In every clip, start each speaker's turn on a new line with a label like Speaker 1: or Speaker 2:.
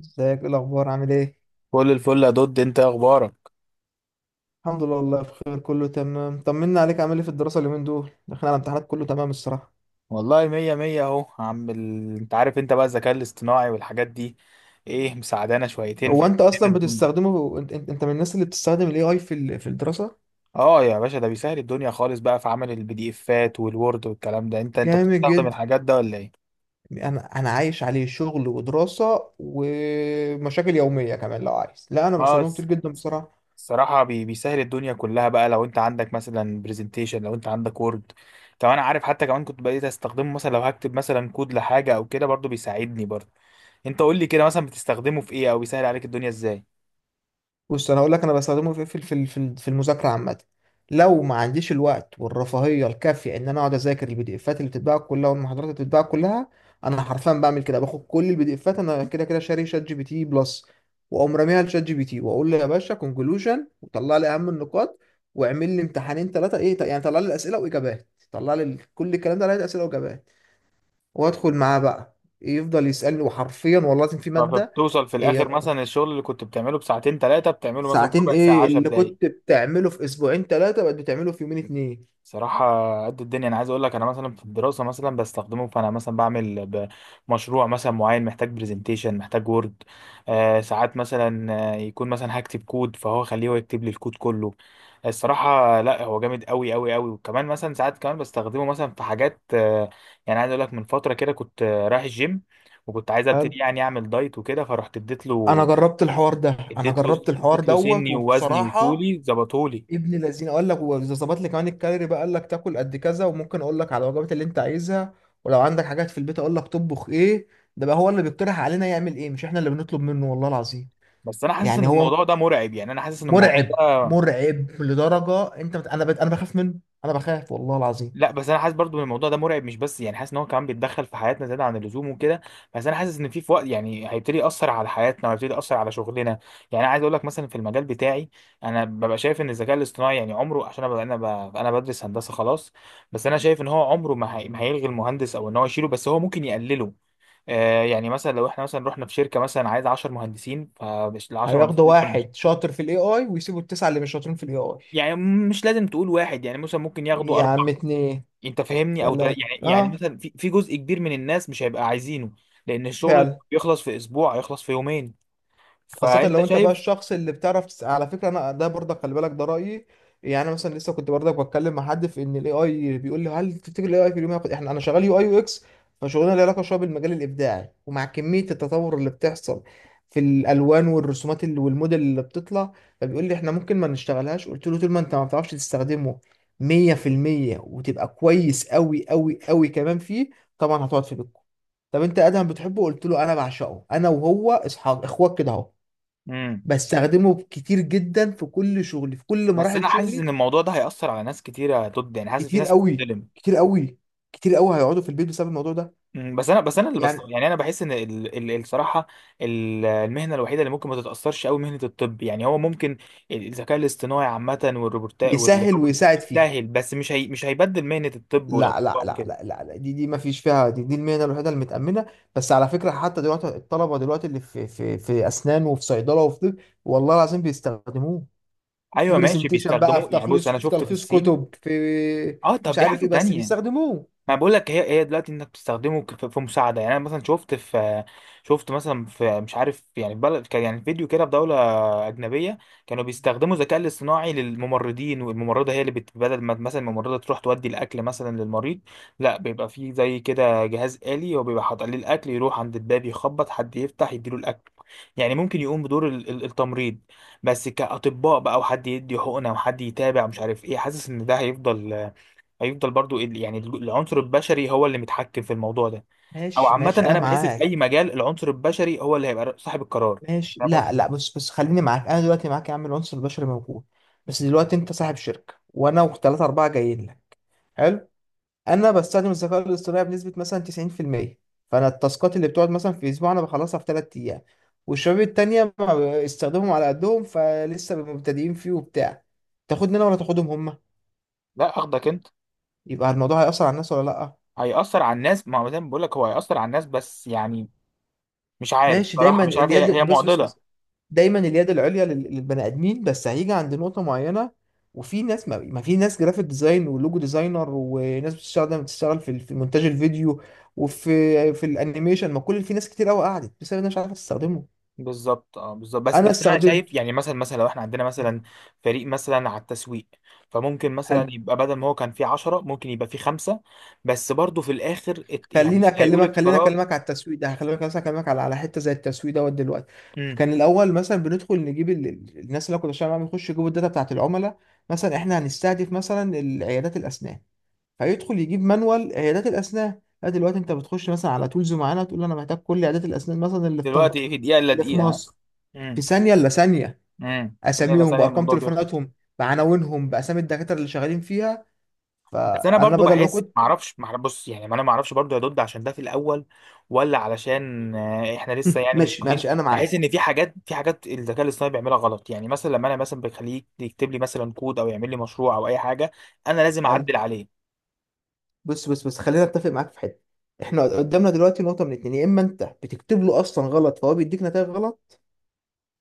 Speaker 1: ازيك؟ ايه الاخبار؟ عامل ايه؟
Speaker 2: كل الفل يا دود. انت ايه اخبارك؟
Speaker 1: الحمد لله، والله بخير، كله تمام. طمنا عليك، عامل ايه في الدراسه؟ اليومين دول داخلين على الامتحانات، كله تمام الصراحه.
Speaker 2: والله مية مية. اهو انت عارف، انت بقى الذكاء الاصطناعي والحاجات دي ايه، مساعدانا شويتين في
Speaker 1: هو انت اصلا
Speaker 2: الدنيا.
Speaker 1: بتستخدمه؟ انت من الناس اللي بتستخدم الاي اي في الدراسه؟
Speaker 2: اه يا باشا، ده بيسهل الدنيا خالص بقى في عمل البي دي افات والوورد والكلام ده. انت
Speaker 1: جامد
Speaker 2: بتستخدم
Speaker 1: جدا.
Speaker 2: الحاجات ده ولا ايه؟
Speaker 1: انا عايش عليه، شغل ودراسه ومشاكل يوميه كمان لو عايز. لا انا
Speaker 2: اه
Speaker 1: بستخدمه كتير
Speaker 2: الس-
Speaker 1: جدا بصراحه.
Speaker 2: بيسهل الدنيا كلها بقى. لو انت عندك مثلا برزنتيشن، لو انت عندك وورد. طب انا عارف، حتى كمان كنت بقيت استخدمه مثلا لو هكتب مثلا كود لحاجة او كده، برضو بيساعدني برضو. انت قول لي كده، مثلا بتستخدمه في ايه، او بيسهل عليك الدنيا ازاي؟
Speaker 1: بص انا هقول لك، انا بستخدمه في المذاكره عامه. لو ما عنديش الوقت والرفاهيه الكافيه ان انا اقعد اذاكر البي دي افات اللي بتتباع كلها والمحاضرات اللي بتتباع كلها، انا حرفيا بعمل كده، باخد كل البي دي افات، انا كده كده شاري شات جي بي تي بلس، واقوم راميها لشات جي بي تي واقول له يا باشا كونكلوجن وطلع لي اهم النقاط واعمل لي امتحانين ثلاثه، ايه يعني، طلع لي الاسئله واجابات، طلع لي كل الكلام ده، لقيت اسئله واجابات. وادخل معاه بقى يفضل يسالني، وحرفيا والله العظيم في ماده،
Speaker 2: فبتوصل في الاخر
Speaker 1: إيه،
Speaker 2: مثلا الشغل اللي كنت بتعمله بساعتين ثلاثه بتعمله مثلا
Speaker 1: ساعتين؟
Speaker 2: بربع ساعه،
Speaker 1: ايه
Speaker 2: 10
Speaker 1: اللي
Speaker 2: دقايق.
Speaker 1: كنت بتعمله في اسبوعين ثلاثة بقت بتعمله في يومين اتنين.
Speaker 2: صراحه قد الدنيا. انا عايز اقول لك، انا مثلا في الدراسه مثلا بستخدمه. فانا مثلا مشروع مثلا معين محتاج برزنتيشن، محتاج وورد. آه، ساعات مثلا، يكون مثلا هكتب كود فهو خليه هو يكتب لي الكود كله. الصراحه لا، هو جامد قوي قوي قوي. وكمان مثلا ساعات كمان بستخدمه مثلا في حاجات. يعني عايز اقول لك، من فتره كده كنت رايح الجيم، وكنت عايز
Speaker 1: حلو.
Speaker 2: ابتدي يعني اعمل دايت وكده، فرحت اديت
Speaker 1: انا
Speaker 2: له.
Speaker 1: جربت الحوار ده، انا
Speaker 2: اديت له
Speaker 1: جربت الحوار
Speaker 2: اديت له
Speaker 1: دوت
Speaker 2: سني ووزني
Speaker 1: وبصراحة
Speaker 2: وطولي ظبطولي.
Speaker 1: ابن الذين، قال لك واذا ظبط لي كمان الكالوري بقى، قال لك تاكل قد كذا، وممكن اقول لك على الوجبات اللي انت عايزها، ولو عندك حاجات في البيت اقول لك تطبخ ايه. ده بقى هو اللي بيقترح علينا يعمل ايه، مش احنا اللي بنطلب منه، والله العظيم.
Speaker 2: بس انا حاسس ان
Speaker 1: يعني هو
Speaker 2: الموضوع ده مرعب. يعني انا حاسس ان الموضوع
Speaker 1: مرعب،
Speaker 2: ده،
Speaker 1: مرعب لدرجة، انت مت... انا ب... انا بخاف منه، انا بخاف والله العظيم.
Speaker 2: لا بس انا حاسس برضو ان الموضوع ده مرعب. مش بس يعني حاسس ان هو كمان بيتدخل في حياتنا زياده عن اللزوم وكده. بس انا حاسس ان في وقت يعني هيبتدي ياثر على حياتنا، وهيبتدي ياثر على شغلنا. يعني انا عايز اقول لك مثلا في المجال بتاعي، انا ببقى شايف ان الذكاء الاصطناعي يعني عمره، عشان أنا بدرس هندسه خلاص. بس انا شايف ان هو عمره ما هيلغي المهندس، او ان هو يشيله، بس هو ممكن يقلله. يعني مثلا لو احنا مثلا رحنا في شركه مثلا عايز 10 مهندسين، فمش ال 10 مهندسين
Speaker 1: هياخدوا
Speaker 2: دول كانوا-
Speaker 1: واحد شاطر في الاي اي ويسيبوا التسعة اللي مش شاطرين في الاي اي.
Speaker 2: يعني مش لازم تقول واحد، يعني مثلا ممكن ياخدوا
Speaker 1: يا
Speaker 2: اربعه.
Speaker 1: عم اتنين،
Speaker 2: انت فاهمني؟
Speaker 1: تلاتة،
Speaker 2: يعني، يعني
Speaker 1: اه.
Speaker 2: مثلا في جزء كبير من الناس مش هيبقى عايزينه، لان الشغل اللي
Speaker 1: فعلا.
Speaker 2: بيخلص في اسبوع هيخلص في يومين.
Speaker 1: خاصة
Speaker 2: فانت
Speaker 1: لو انت بقى
Speaker 2: شايف؟
Speaker 1: الشخص اللي على فكرة انا ده برضك، خلي بالك ده رأيي. يعني انا مثلا لسه كنت برضك بتكلم مع حد في ان الاي اي، بيقول لي هل تفتكر الاي اي في اليوم هياخد، احنا انا شغال يو اي يو اكس، فشغلنا له علاقة شوية بالمجال الابداعي، ومع كمية التطور اللي بتحصل في الالوان والرسومات اللي والموديل اللي بتطلع، فبيقول لي احنا ممكن ما نشتغلهاش. قلت له طول ما انت ما بتعرفش تستخدمه 100% وتبقى كويس قوي قوي قوي كمان فيه، طبعا هتقعد في بيتكم. طب انت ادهم بتحبه؟ قلت له انا بعشقه، انا وهو اصحاب اخوات كده اهو.
Speaker 2: امم.
Speaker 1: بستخدمه كتير جدا في كل شغلي، في كل
Speaker 2: بس
Speaker 1: مراحل
Speaker 2: انا حاسس
Speaker 1: شغلي.
Speaker 2: ان الموضوع ده هيأثر على ناس كتيره ضد، يعني حاسس في
Speaker 1: كتير
Speaker 2: ناس
Speaker 1: قوي،
Speaker 2: هتتظلم.
Speaker 1: كتير قوي، كتير قوي هيقعدوا في البيت بسبب الموضوع ده.
Speaker 2: بس انا بس انا اللي بس
Speaker 1: يعني
Speaker 2: يعني انا بحس ان الصراحه، المهنه الوحيده اللي ممكن ما تتاثرش قوي مهنه الطب. يعني هو ممكن الذكاء الاصطناعي عامه والروبوتات
Speaker 1: يسهل
Speaker 2: والروبوت
Speaker 1: ويساعد فيه.
Speaker 2: سهل، بس مش هي مش هيبدل مهنه الطب
Speaker 1: لا لا
Speaker 2: والاطباء
Speaker 1: لا
Speaker 2: وكده.
Speaker 1: لا لا, لا. دي ما فيش فيها، دي المهنه الوحيده المتامنه. بس على فكره حتى دلوقتي الطلبه دلوقتي اللي في اسنان وفي صيدله وفي طب، والله العظيم بيستخدموه في
Speaker 2: ايوه ماشي
Speaker 1: برزنتيشن بقى،
Speaker 2: بيستخدموه.
Speaker 1: في
Speaker 2: يعني بص،
Speaker 1: تخليص،
Speaker 2: انا
Speaker 1: في
Speaker 2: شفت في
Speaker 1: تلخيص
Speaker 2: الصين.
Speaker 1: كتب، في
Speaker 2: اه طب
Speaker 1: مش
Speaker 2: دي
Speaker 1: عارف
Speaker 2: حاجه
Speaker 1: ايه، بس
Speaker 2: تانية.
Speaker 1: بيستخدموه.
Speaker 2: ما بقول لك، هي هي دلوقتي انك في في مساعده. يعني انا مثلا شفت في، شفت مثلا في، مش عارف يعني في بلد كان يعني فيديو كده في دوله اجنبيه، كانوا بيستخدموا الذكاء الاصطناعي للممرضين. والممرضه هي بدل ما مثلا الممرضه تروح تودي الاكل مثلا للمريض، لا بيبقى فيه زي كده جهاز آلي هو بيبقى حاطط عليه الاكل، يروح عند الباب يخبط، حد يفتح يديله الاكل. يعني ممكن يقوم بدور التمريض. بس كاطباء بقى، وحد يدي حقنه، وحد يتابع، مش عارف ايه، حاسس ان ده هيفضل. هيفضل برضو يعني العنصر البشري هو اللي متحكم في الموضوع ده. او
Speaker 1: ماشي
Speaker 2: عامه
Speaker 1: ماشي انا
Speaker 2: انا بحس في اي
Speaker 1: معاك.
Speaker 2: مجال العنصر البشري هو اللي هيبقى صاحب القرار.
Speaker 1: ماشي،
Speaker 2: فاهم
Speaker 1: لا لا،
Speaker 2: قصدي؟
Speaker 1: بس خليني معاك، انا دلوقتي معاك يا عم، العنصر البشري موجود، بس دلوقتي انت صاحب شركه، وانا وثلاثه اربعه جايين لك. حلو. انا بستخدم الذكاء الاصطناعي بنسبه مثلا 90%، فانا التاسكات اللي بتقعد مثلا في اسبوع انا بخلصها في ثلاث ايام، والشباب التانية استخدمهم على قدهم فلسه مبتدئين فيه وبتاع. تاخدني انا ولا تاخدهم هم؟
Speaker 2: لا اخدك انت.
Speaker 1: يبقى الموضوع هيأثر على الناس ولا لا؟
Speaker 2: هيأثر على الناس. ما هو زي ما بقول لك، هو هيأثر على الناس، بس يعني مش عارف
Speaker 1: ماشي. دايما
Speaker 2: صراحة، مش عارف، هي هي
Speaker 1: اليد بس بس
Speaker 2: معضلة.
Speaker 1: بس دايما اليد العليا للبني ادمين، بس هيجي عند نقطه معينه، وفي ناس ما, ما في ناس جرافيك ديزاين ولوجو ديزاينر، وناس بتشتغل في مونتاج الفيديو، وفي الانيميشن، ما كل، في ناس كتير قوي قعدت بس انا مش عارف استخدمه.
Speaker 2: بالظبط، اه بالظبط. بس
Speaker 1: انا
Speaker 2: بس انا
Speaker 1: استخدمته.
Speaker 2: شايف، يعني مثلا، مثلا لو احنا عندنا مثلا فريق مثلا على التسويق، فممكن مثلا
Speaker 1: حلو.
Speaker 2: يبقى بدل ما هو كان فيه 10 ممكن يبقى فيه خمسة. بس برضه في الاخر
Speaker 1: خليني
Speaker 2: يعني هيقول
Speaker 1: اكلمك خليني
Speaker 2: القرار.
Speaker 1: اكلمك على التسويق ده، هكلمك مثلا، اكلمك على على حته زي التسويق دوت دلوقتي.
Speaker 2: امم.
Speaker 1: كان الاول مثلا بندخل نجيب الناس اللي أنا كنت بشتغل معاهم يخشوا يجيبوا الداتا بتاعت العملاء، مثلا احنا هنستهدف مثلا العيادات الاسنان، فيدخل يجيب مانوال عيادات الاسنان. لا دلوقتي انت بتخش مثلا على تولز معانا تقول له انا محتاج كل عيادات الاسنان مثلا اللي في طنطا،
Speaker 2: دلوقتي في دقيقة الا
Speaker 1: اللي في
Speaker 2: دقيقة، ها؟
Speaker 1: مصر، في
Speaker 2: إمم.
Speaker 1: ثانيه الا ثانيه،
Speaker 2: امم، ثانيه
Speaker 1: اساميهم
Speaker 2: لثانيه
Speaker 1: بارقام
Speaker 2: الموضوع بيخلص.
Speaker 1: تليفوناتهم، بعناوينهم، باسامي الدكاتره اللي شغالين فيها.
Speaker 2: بس انا
Speaker 1: فانا
Speaker 2: برضو
Speaker 1: بدل ما
Speaker 2: بحس،
Speaker 1: كنت.
Speaker 2: ما اعرفش ما أعرف- بص يعني ما انا ما اعرفش برضو يا دود، عشان ده في الاول، ولا علشان احنا لسه يعني مش
Speaker 1: ماشي
Speaker 2: عارفين.
Speaker 1: ماشي انا
Speaker 2: بحس
Speaker 1: معاك.
Speaker 2: ان في حاجات، في حاجات الذكاء الاصطناعي بيعملها غلط. يعني مثلا لما انا مثلا بخليه يكتب لي مثلا كود، او يعمل لي مشروع، او اي حاجه، انا لازم
Speaker 1: قال.
Speaker 2: اعدل عليه.
Speaker 1: بص خلينا اتفق معاك في حته. احنا قدامنا دلوقتي نقطه من اتنين، يا اما انت بتكتب له اصلا غلط فهو بيديك نتائج غلط،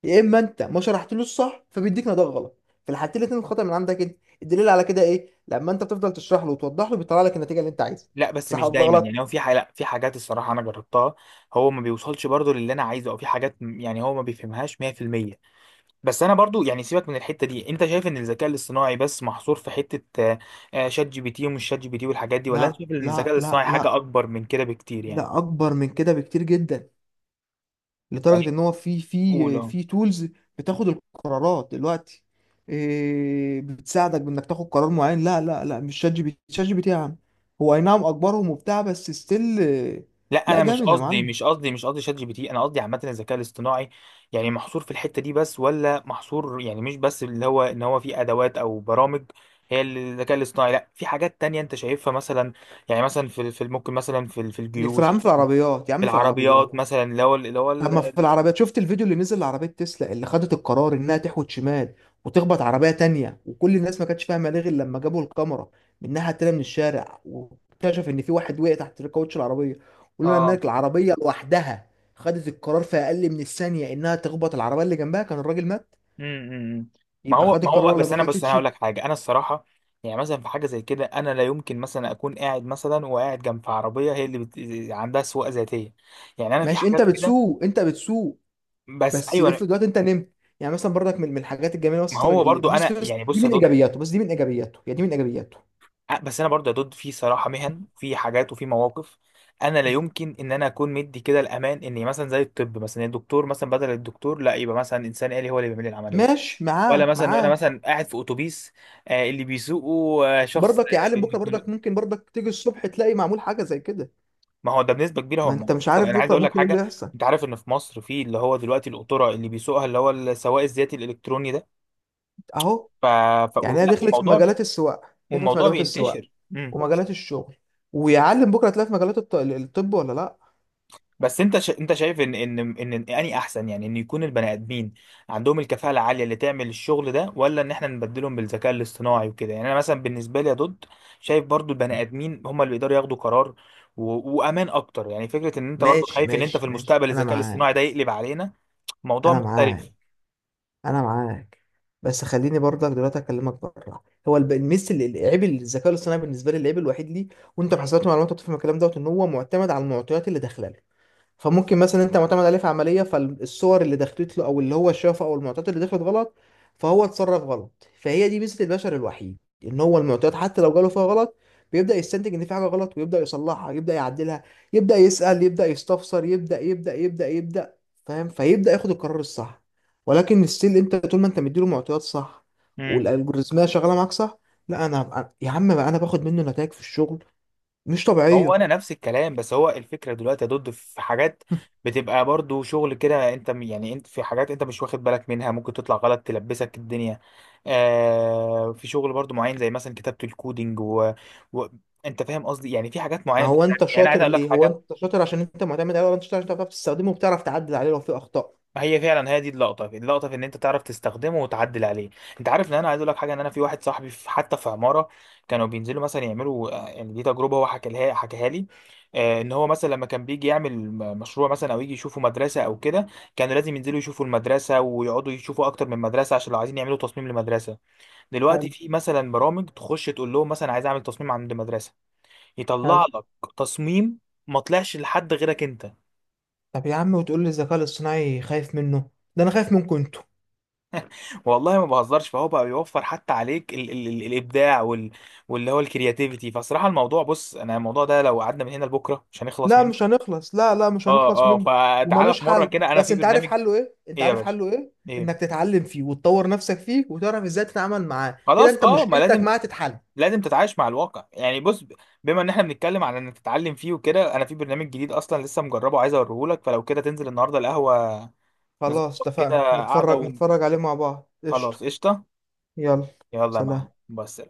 Speaker 1: يا اما انت ما شرحتلوش صح فبيديك نتائج غلط. في الحالتين الاثنين الخطا من عندك انت. الدليل على كده ايه؟ لما انت بتفضل تشرح له وتوضح له بيطلع لك النتيجه اللي انت عايزها،
Speaker 2: لا بس
Speaker 1: صح
Speaker 2: مش
Speaker 1: ولا
Speaker 2: دايما. يعني
Speaker 1: غلط؟
Speaker 2: هو في حاجة، لا في حاجات الصراحه انا جربتها، هو ما بيوصلش برضو للي انا عايزه، او في حاجات يعني هو ما بيفهمهاش 100%. بس انا برضو يعني سيبك من الحته دي. انت شايف ان الذكاء الاصطناعي بس محصور في حته شات جي بي تي ومش شات جي بي تي والحاجات دي، ولا انت
Speaker 1: لا
Speaker 2: شايف ان
Speaker 1: لا
Speaker 2: الذكاء
Speaker 1: لا
Speaker 2: الاصطناعي حاجه
Speaker 1: لا
Speaker 2: اكبر من كده بكتير يعني؟
Speaker 1: لا اكبر من كده بكتير جدا، لدرجه
Speaker 2: يعني
Speaker 1: ان هو في
Speaker 2: قول
Speaker 1: في
Speaker 2: اه.
Speaker 1: في تولز بتاخد القرارات دلوقتي، إيه، بتساعدك بانك تاخد قرار معين. لا لا لا، مش شات جي بي تي. شات جي بي تي يا عم هو اي نعم اكبرهم وبتاع، بس ستيل.
Speaker 2: لا
Speaker 1: لا
Speaker 2: انا مش
Speaker 1: جامد يا
Speaker 2: قصدي
Speaker 1: معلم.
Speaker 2: مش قصدي مش قصدي شات جي بي تي، انا قصدي عامه الذكاء الاصطناعي، يعني محصور في الحته دي بس، ولا محصور، يعني مش بس اللي هو ان هو في ادوات او برامج هي اللي الذكاء الاصطناعي. لا، في حاجات تانية انت شايفها مثلا؟ يعني مثلا في ممكن مثلا في
Speaker 1: في يا عم،
Speaker 2: الجيوش،
Speaker 1: في العربيات يا
Speaker 2: في
Speaker 1: عم، في العربيات.
Speaker 2: العربيات مثلا، اللي هو اللي هو
Speaker 1: طب ما في العربيات، شفت الفيديو اللي نزل لعربية تسلا اللي خدت القرار انها تحوت شمال وتخبط عربية تانية، وكل الناس ما كانتش فاهمة ليه غير لما جابوا الكاميرا من الناحية التانية من الشارع، واكتشف ان في واحد وقع تحت الكاوتش العربية، ولولا ان
Speaker 2: اه.
Speaker 1: العربية لوحدها خدت القرار في اقل من الثانية انها تخبط العربية اللي جنبها كان الراجل مات.
Speaker 2: امم، ما
Speaker 1: يبقى
Speaker 2: هو،
Speaker 1: خد
Speaker 2: ما هو
Speaker 1: القرار
Speaker 2: بقى،
Speaker 1: ولا ما
Speaker 2: بس انا
Speaker 1: خدتش؟
Speaker 2: هقول لك حاجه، انا الصراحه يعني مثلا في حاجه زي كده انا لا يمكن مثلا اكون قاعد مثلا وقاعد جنب عربيه هي عندها سواقه ذاتيه. يعني انا في
Speaker 1: ماشي. انت
Speaker 2: حاجات كده.
Speaker 1: بتسوق، انت بتسوق،
Speaker 2: بس
Speaker 1: بس
Speaker 2: ايوه
Speaker 1: افرض دلوقتي انت نمت. يعني مثلا برضك من الحاجات الجميلة
Speaker 2: ما
Speaker 1: مثلا
Speaker 2: هو برضو
Speaker 1: بص
Speaker 2: انا
Speaker 1: بص،
Speaker 2: يعني
Speaker 1: دي
Speaker 2: بص يا
Speaker 1: من
Speaker 2: دود،
Speaker 1: ايجابياته، بس دي من ايجابياته، يعني دي من ايجابياته.
Speaker 2: بس انا برضو يا دود في صراحه مهن، في حاجات وفي مواقف انا لا يمكن ان انا اكون مدي كده الامان، اني مثلا زي الطب مثلا الدكتور، مثلا بدل الدكتور لا يبقى مثلا انسان آلي هو اللي بيعمل لي العمليه،
Speaker 1: ماشي،
Speaker 2: ولا
Speaker 1: معاك
Speaker 2: مثلا انا
Speaker 1: معاك.
Speaker 2: مثلا قاعد في اتوبيس اللي بيسوقه شخص
Speaker 1: برضك يا عالم بكره،
Speaker 2: آه،
Speaker 1: برضك ممكن برضك تيجي الصبح تلاقي معمول حاجه زي كده،
Speaker 2: ما هو ده بنسبة كبيرة
Speaker 1: ما
Speaker 2: هو
Speaker 1: انت مش
Speaker 2: معقد.
Speaker 1: عارف
Speaker 2: أنا عايز
Speaker 1: بكره
Speaker 2: أقول لك
Speaker 1: ممكن ايه اللي
Speaker 2: حاجة،
Speaker 1: يحصل.
Speaker 2: أنت عارف إن في مصر في اللي هو دلوقتي القطورة اللي بيسوقها اللي هو السواق الذاتي الإلكتروني ده؟
Speaker 1: اهو،
Speaker 2: ف...
Speaker 1: يعني هي
Speaker 2: لا
Speaker 1: دخلت في
Speaker 2: الموضوع،
Speaker 1: مجالات السواقه، دخلت في
Speaker 2: والموضوع
Speaker 1: مجالات السواقه
Speaker 2: بينتشر. امم.
Speaker 1: ومجالات الشغل، ويا عالم بكره تلاقي في مجالات الطب ولا لا.
Speaker 2: بس أنت أنت شايف إن إن أني أحسن، يعني إن يكون البني آدمين عندهم الكفاءة العالية اللي تعمل الشغل ده، ولا إن إحنا نبدلهم بالذكاء الاصطناعي وكده؟ يعني أنا مثلا بالنسبة لي يا ضد، شايف برضو البني
Speaker 1: مم.
Speaker 2: آدمين هم اللي يقدروا ياخدوا قرار، و... وأمان أكتر. يعني فكرة إن أنت برضو
Speaker 1: ماشي
Speaker 2: خايف إن أنت في
Speaker 1: ماشي ماشي
Speaker 2: المستقبل
Speaker 1: انا
Speaker 2: الذكاء
Speaker 1: معاك،
Speaker 2: الاصطناعي ده يقلب علينا، موضوع
Speaker 1: انا معاك،
Speaker 2: مختلف.
Speaker 1: انا معاك. بس خليني برضك دلوقتي اكلمك بره، هو الميس اللي، العيب اللي الذكاء الاصطناعي بالنسبه لي، العيب الوحيد ليه، وانت في حسابات المعلومات وتفهم الكلام دوت، ان هو معتمد على المعطيات اللي داخله له. فممكن مثلا انت معتمد عليه في عمليه، فالصور اللي دخلت له او اللي هو شافه او المعطيات اللي دخلت غلط، فهو اتصرف غلط. فهي دي ميزه البشر الوحيد، ان هو المعطيات حتى لو جاله فيها غلط بيبدا يستنتج ان في حاجه غلط، ويبدا يصلحها، يبدا يعدلها، يبدا يسال، يبدا يستفسر، يبدا فاهم، فيبدا ياخد القرار الصح. ولكن الستيل انت طول ما انت مديله معطيات صح
Speaker 2: امم.
Speaker 1: والالجوريزميه شغاله معاك صح، لا انا يا عم بقى انا باخد منه نتائج في الشغل مش
Speaker 2: ما هو
Speaker 1: طبيعيه.
Speaker 2: انا نفس الكلام، بس هو الفكره دلوقتي يا دود في حاجات بتبقى برضو شغل كده انت يعني انت في حاجات انت مش واخد بالك منها، ممكن تطلع غلط تلبسك الدنيا. آه، في شغل برضو معين زي مثلا كتابه الكودينج و... انت فاهم قصدي، يعني في حاجات
Speaker 1: ما
Speaker 2: معينه
Speaker 1: هو انت
Speaker 2: يعني عايز
Speaker 1: شاطر
Speaker 2: اقول لك
Speaker 1: ليه؟ هو
Speaker 2: حاجه،
Speaker 1: انت شاطر عشان انت معتمد عليه، ولا انت شاطر عشان انت بتعرف تستخدمه وبتعرف تعدل عليه لو في اخطاء؟
Speaker 2: هي فعلا هي دي اللقطه، اللقطه في ان انت تعرف تستخدمه وتعدل عليه. انت عارف ان انا عايز اقول لك حاجه، ان انا في واحد صاحبي في حتى في عماره، كانوا بينزلوا مثلا يعملوا يعني دي تجربه هو حكى لها حكاها لي. ان هو مثلا لما كان بيجي يعمل مشروع مثلا، او يجي يشوفوا مدرسه او كده، كانوا لازم ينزلوا يشوفوا المدرسه، ويقعدوا يشوفوا اكتر من مدرسه عشان لو عايزين يعملوا تصميم لمدرسه. دلوقتي
Speaker 1: حلو.
Speaker 2: في مثلا برامج تخش تقول لهم مثلا عايز اعمل تصميم عند مدرسه،
Speaker 1: حلو.
Speaker 2: يطلع لك تصميم ما طلعش لحد غيرك انت.
Speaker 1: طب يا عم وتقول لي الذكاء الاصطناعي خايف منه؟ ده انا خايف منكم انتوا.
Speaker 2: والله ما بهزرش. فهو بقى يوفر حتى عليك ال ال ال الابداع واللي هو الكرياتيفيتي. فصراحه الموضوع، بص انا الموضوع ده لو قعدنا من هنا لبكره مش هنخلص
Speaker 1: لا مش
Speaker 2: منه.
Speaker 1: هنخلص، لا لا مش هنخلص
Speaker 2: اه اه،
Speaker 1: منه
Speaker 2: فتعالى
Speaker 1: ومالوش
Speaker 2: في مره
Speaker 1: حل،
Speaker 2: كده، انا
Speaker 1: بس
Speaker 2: في
Speaker 1: انت عارف
Speaker 2: برنامج.
Speaker 1: حله ايه؟ انت
Speaker 2: ايه يا
Speaker 1: عارف
Speaker 2: باشا؟
Speaker 1: حله ايه؟ انك
Speaker 2: ايه؟
Speaker 1: تتعلم فيه وتطور نفسك فيه وتعرف ازاي تتعامل معاه، كده
Speaker 2: خلاص
Speaker 1: انت
Speaker 2: اه، ما
Speaker 1: مشكلتك
Speaker 2: لازم،
Speaker 1: معاه تتحل.
Speaker 2: لازم تتعايش مع الواقع. يعني بما ان احنا بنتكلم على انك تتعلم فيه وكده، انا في برنامج جديد اصلا لسه مجربه، عايز اوريهولك. فلو كده تنزل النهارده القهوه،
Speaker 1: خلاص
Speaker 2: نظبط كده
Speaker 1: اتفقنا،
Speaker 2: قعده
Speaker 1: نتفرج
Speaker 2: و-
Speaker 1: نتفرج عليه مع بعض، قشطة.
Speaker 2: خلاص قشطه.
Speaker 1: يلا،
Speaker 2: يلا يا
Speaker 1: سلام.
Speaker 2: معلم بس.